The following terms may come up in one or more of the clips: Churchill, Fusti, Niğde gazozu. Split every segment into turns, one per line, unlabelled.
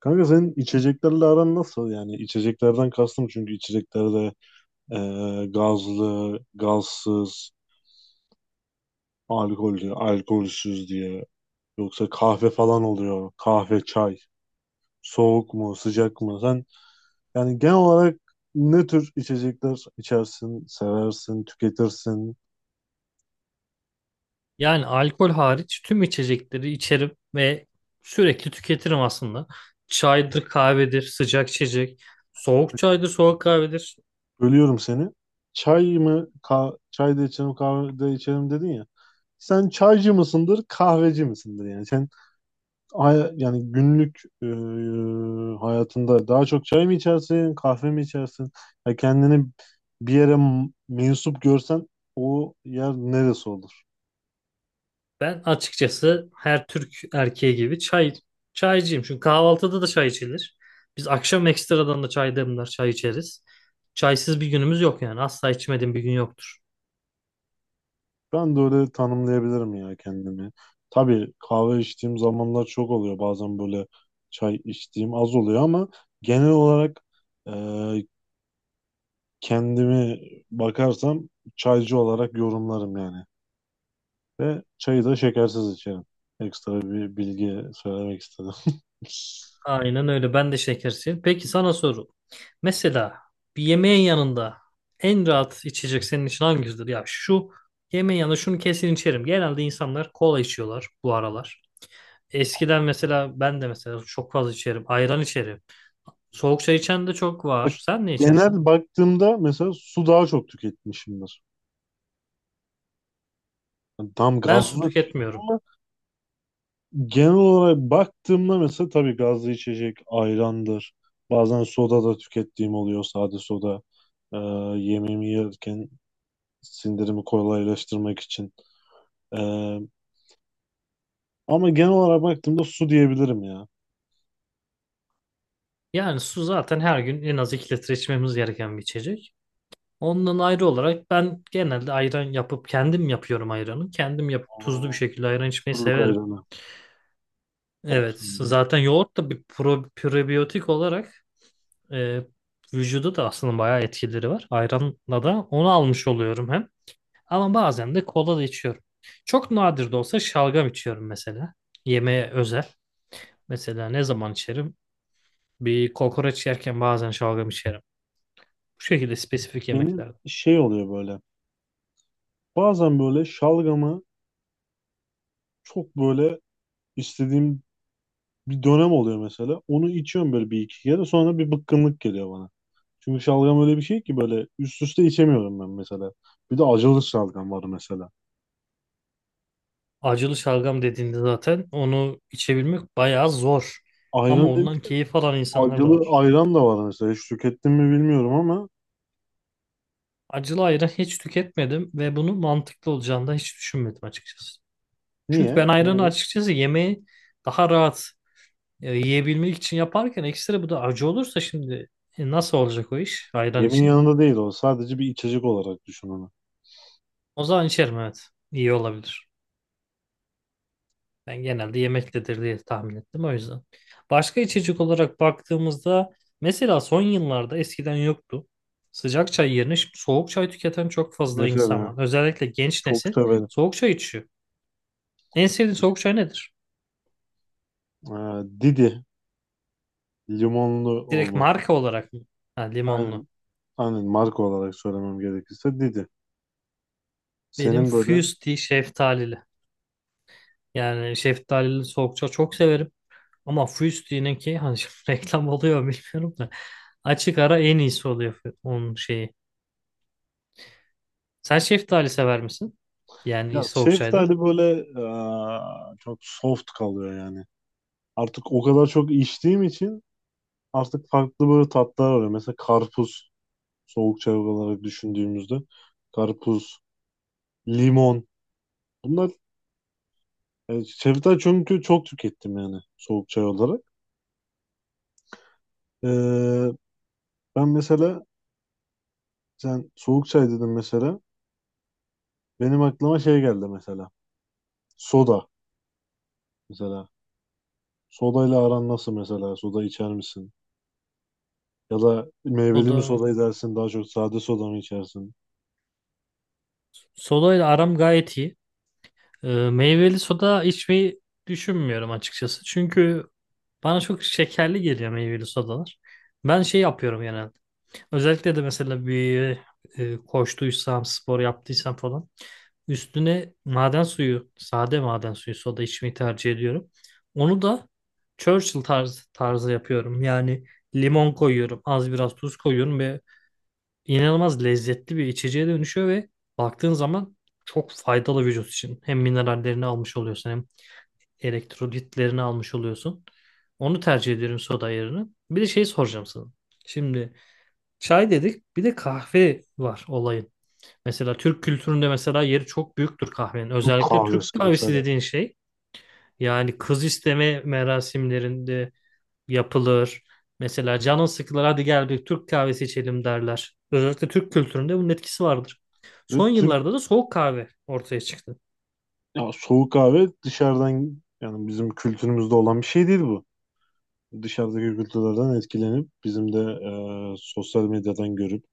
Kanka senin içeceklerle aran nasıl? Yani içeceklerden kastım, çünkü içeceklerde e, gazlı, gazsız, alkollü, alkolsüz diye. Yoksa kahve falan oluyor. Kahve, çay. Soğuk mu, sıcak mı? Sen yani genel olarak ne tür içecekler içersin, seversin, tüketirsin?
Yani alkol hariç tüm içecekleri içerim ve sürekli tüketirim aslında. Çaydır, kahvedir, sıcak içecek, soğuk çaydır, soğuk kahvedir.
Bölüyorum seni. Çay mı? Çay da içerim, kahve de içerim dedin ya. Sen çaycı mısındır, kahveci misindir yani? Yani günlük hayatında daha çok çay mı içersin, kahve mi içersin? Ya kendini bir yere mensup görsen o yer neresi olur?
Ben açıkçası her Türk erkeği gibi çaycıyım. Çünkü kahvaltıda da çay içilir. Biz akşam ekstradan da çay demler, çay içeriz. Çaysız bir günümüz yok yani. Asla içmediğim bir gün yoktur.
Ben de öyle tanımlayabilirim ya kendimi. Tabii kahve içtiğim zamanlar çok oluyor. Bazen böyle çay içtiğim az oluyor ama genel olarak e, kendimi bakarsam çaycı olarak yorumlarım yani. Ve çayı da şekersiz içerim. Ekstra bir bilgi söylemek istedim.
Aynen öyle. Ben de şekerciyim. Peki sana soru. Mesela bir yemeğin yanında en rahat içecek senin için hangisidir? Ya şu yemeğin yanında şunu kesin içerim. Genelde insanlar kola içiyorlar bu aralar. Eskiden mesela ben de mesela çok fazla içerim. Ayran içerim. Soğuk çay içen de çok
Bak,
var. Sen ne içersin?
genel baktığımda mesela su daha çok tüketmişimdir. Yani tam
Ben su
gazlı tüketiyorum
tüketmiyorum.
ama genel olarak baktığımda mesela tabii gazlı içecek ayrandır. Bazen soda da tükettiğim oluyor, sade soda. Ee, Yemeğimi yerken sindirimi kolaylaştırmak için. Ee, Ama genel olarak baktığımda su diyebilirim ya.
Yani su zaten her gün en az 2 litre içmemiz gereken bir içecek. Ondan ayrı olarak ben genelde ayran yapıp kendim yapıyorum ayranı. Kendim yapıp tuzlu bir
O
şekilde ayran içmeyi
kuruluk
severim.
ayranı. Çok
Evet,
seviyorum.
zaten yoğurt da bir probiyotik olarak e, vücuda da aslında bayağı etkileri var. Ayranla da onu almış oluyorum hem. Ama bazen de kola da içiyorum. Çok nadir de olsa şalgam içiyorum mesela. Yemeğe özel. Mesela ne zaman içerim? Bir kokoreç yerken bazen şalgam içerim. Bu şekilde spesifik
Benim
yemeklerde.
şey oluyor böyle. Bazen böyle şalgamı çok böyle istediğim bir dönem oluyor mesela. Onu içiyorum böyle bir iki kere sonra bir bıkkınlık geliyor bana. Çünkü şalgam öyle bir şey ki böyle üst üste içemiyorum ben mesela. Bir de acılı şalgam var mesela.
Acılı şalgam dediğinde zaten onu içebilmek bayağı zor.
Ayran.
Ama
Hmm.
ondan
Demiş ki
keyif alan insanlar da
acılı
var.
ayran da var mesela. Hiç tükettim mi bilmiyorum ama
Acılı ayran hiç tüketmedim ve bunun mantıklı olacağını da hiç düşünmedim açıkçası. Çünkü
niye?
ben ayranı
Neden?
açıkçası yemeği daha rahat yiyebilmek için yaparken ekstra bu da acı olursa şimdi nasıl olacak o iş ayran
Yemin
için?
yanında değil o. Sadece bir içecek olarak düşün onu.
O zaman içerim, evet. İyi olabilir. Ben genelde yemektedir diye tahmin ettim o yüzden. Başka içecek olarak baktığımızda mesela son yıllarda eskiden yoktu. Sıcak çay yerine şimdi soğuk çay tüketen çok fazla insan
Mesela
var. Özellikle genç
çok
nesil
severim.
soğuk çay içiyor. En sevdiğin soğuk çay nedir?
Ee, Didi, limonlu
Direkt
olması.
marka olarak mı? Ha, limonlu.
Aynen, aynen marka olarak söylemem gerekirse Didi.
Benim
Senin böyle.
Fusti şeftalili. Yani şeftalili soğukça çok severim. Ama Fusti'ninki hani şimdi reklam oluyor mu bilmiyorum da. Açık ara en iyisi oluyor onun şeyi. Sen şeftali sever misin? Yani
Ya
soğuk çayda.
şeftali böyle çok soft kalıyor yani. Artık o kadar çok içtiğim için artık farklı böyle tatlar var. Mesela karpuz, soğuk çay olarak düşündüğümüzde karpuz, limon, bunlar şeftali, çünkü çok tükettim yani soğuk çay olarak. Eee, Ben mesela, sen soğuk çay dedin mesela, benim aklıma şey geldi mesela, soda mesela. Sodayla aran nasıl mesela, soda içer misin? Ya da meyveli mi
Soda.
soda edersin, daha çok sade soda mı içersin?
Soda ile aram gayet iyi. Meyveli soda içmeyi düşünmüyorum açıkçası. Çünkü bana çok şekerli geliyor meyveli sodalar. Ben şey yapıyorum genelde. Özellikle de mesela bir koştuysam, spor yaptıysam falan üstüne maden suyu, sade maden suyu soda içmeyi tercih ediyorum. Onu da Churchill tarzı yapıyorum. Yani limon koyuyorum, az biraz tuz koyuyorum ve inanılmaz lezzetli bir içeceğe dönüşüyor ve baktığın zaman çok faydalı vücut için. Hem minerallerini almış oluyorsun hem elektrolitlerini almış oluyorsun. Onu tercih ediyorum soda yerine. Bir de şey soracağım sana. Şimdi çay dedik. Bir de kahve var olayın. Mesela Türk kültüründe mesela yeri çok büyüktür kahvenin.
Türk
Özellikle
kahvesi
Türk kahvesi
mesela.
dediğin şey yani kız isteme merasimlerinde yapılır. Mesela canın sıkılır, hadi gel bir Türk kahvesi içelim derler. Özellikle Türk kültüründe bunun etkisi vardır.
Ve
Son
Türk,
yıllarda da soğuk kahve ortaya çıktı.
ya soğuk kahve dışarıdan, yani bizim kültürümüzde olan bir şey değil bu. Dışarıdaki kültürlerden etkilenip bizim de sosyal medyadan görüp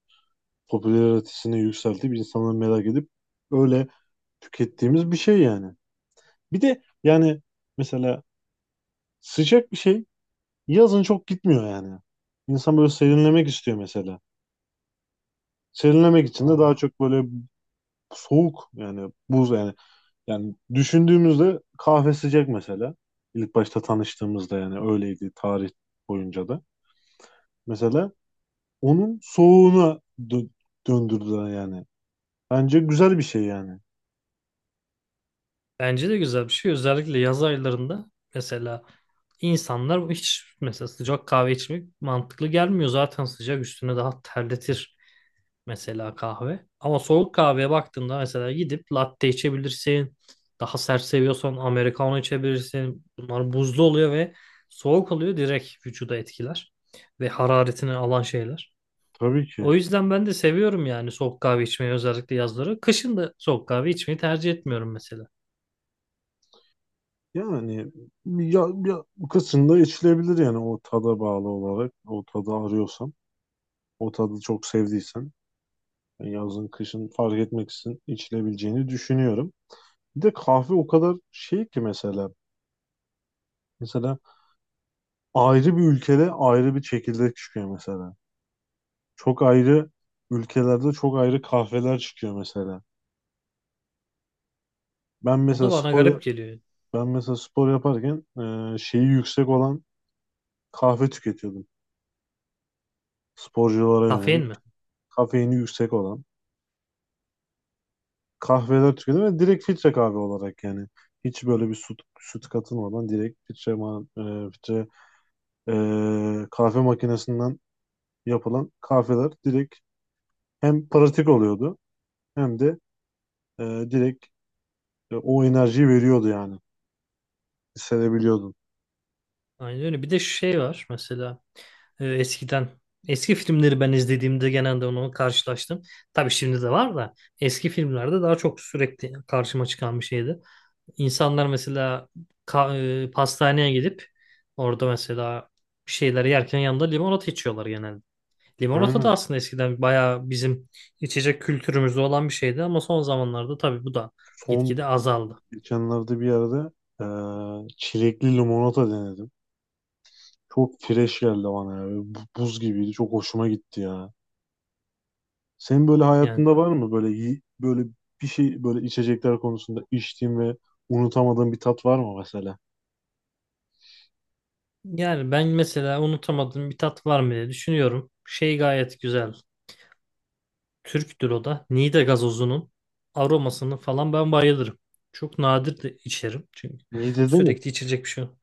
popülaritesini yükseltip insanları merak edip öyle tükettiğimiz bir şey yani. Bir de yani mesela sıcak bir şey yazın çok gitmiyor yani. İnsan böyle serinlemek istiyor mesela. Serinlemek için de daha
Vallahi.
çok böyle soğuk, yani buz yani. Yani düşündüğümüzde kahve sıcak mesela. İlk başta tanıştığımızda yani öyleydi, tarih boyunca da. Mesela onun soğuğuna döndürdüler yani. Bence güzel bir şey yani.
Bence de güzel bir şey. Özellikle yaz aylarında mesela insanlar hiç mesela sıcak kahve içmek mantıklı gelmiyor. Zaten sıcak üstüne daha terletir mesela kahve. Ama soğuk kahveye baktığında mesela gidip latte içebilirsin. Daha sert seviyorsan americano içebilirsin. Bunlar buzlu oluyor ve soğuk oluyor, direkt vücuda etkiler ve hararetini alan şeyler.
Tabii
O
ki.
yüzden ben de seviyorum yani soğuk kahve içmeyi özellikle yazları. Kışın da soğuk kahve içmeyi tercih etmiyorum mesela.
Yani ya bu kısımda içilebilir yani o tada bağlı olarak. O tadı arıyorsan, o tadı çok sevdiysen yani yazın kışın fark etmeksizin içilebileceğini düşünüyorum. Bir de kahve o kadar şey ki mesela. Mesela ayrı bir ülkede ayrı bir çekirdek çıkıyor mesela. Çok ayrı ülkelerde çok ayrı kahveler çıkıyor mesela. Ben
O da
mesela
bana
spor
garip geliyor yani.
Ben mesela spor yaparken şeyi yüksek olan kahve tüketiyordum. Sporculara yönelik
Kafein mi?
kafeini yüksek olan kahveler tüketiyordum ve direkt filtre kahve olarak yani. Hiç böyle bir süt katılmadan direkt filtre, filtre kahve makinesinden yapılan kahveler direkt hem pratik oluyordu hem de e, direkt o enerjiyi veriyordu yani. Hissedebiliyordun.
Aynen öyle. Bir de şey var mesela eskiden eski filmleri ben izlediğimde genelde onu karşılaştım. Tabii şimdi de var da eski filmlerde daha çok sürekli karşıma çıkan bir şeydi. İnsanlar mesela pastaneye gidip orada mesela bir şeyler yerken yanında limonata içiyorlar genelde. Limonata da
Aynen.
aslında eskiden bayağı bizim içecek kültürümüzde olan bir şeydi ama son zamanlarda tabii bu da
Son
gitgide azaldı.
Geçenlerde bir yerde çilekli limonata denedim. Çok fresh geldi bana ya. Böyle buz gibiydi. Çok hoşuma gitti ya. Senin böyle
Yani
hayatında var mı böyle böyle bir şey, böyle içecekler konusunda içtiğin ve unutamadığın bir tat var mı mesela?
Yani ben mesela unutamadığım bir tat var mı diye düşünüyorum. Şey gayet güzel. Türktür o da. Niğde gazozunun aromasını falan ben bayılırım. Çok nadir de içerim. Çünkü
Niğde'de mi?
sürekli içecek bir şey yok.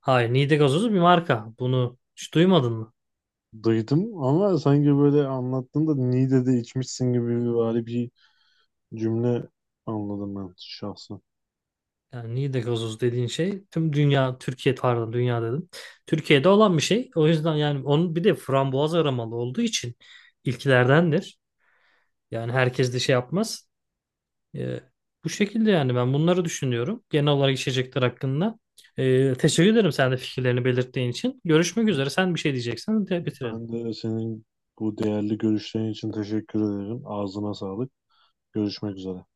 Hayır, Niğde gazozu bir marka. Bunu hiç duymadın mı?
Duydum ama sanki böyle anlattığında Niğde'de içmişsin gibi böyle bir cümle anladım ben şahsen.
Yani Niğde gazozu dediğin şey tüm dünya, Türkiye, pardon, dünya dedim. Türkiye'de olan bir şey. O yüzden yani onun bir de frambuaz aromalı olduğu için ilklerdendir. Yani herkes de şey yapmaz. E, Bu şekilde yani ben bunları düşünüyorum genel olarak içecekler hakkında. Teşekkür ederim sen de fikirlerini belirttiğin için. Görüşmek üzere. Sen bir şey diyeceksen de
Ben
bitirelim.
de senin bu değerli görüşlerin için teşekkür ederim. Ağzına sağlık. Görüşmek üzere.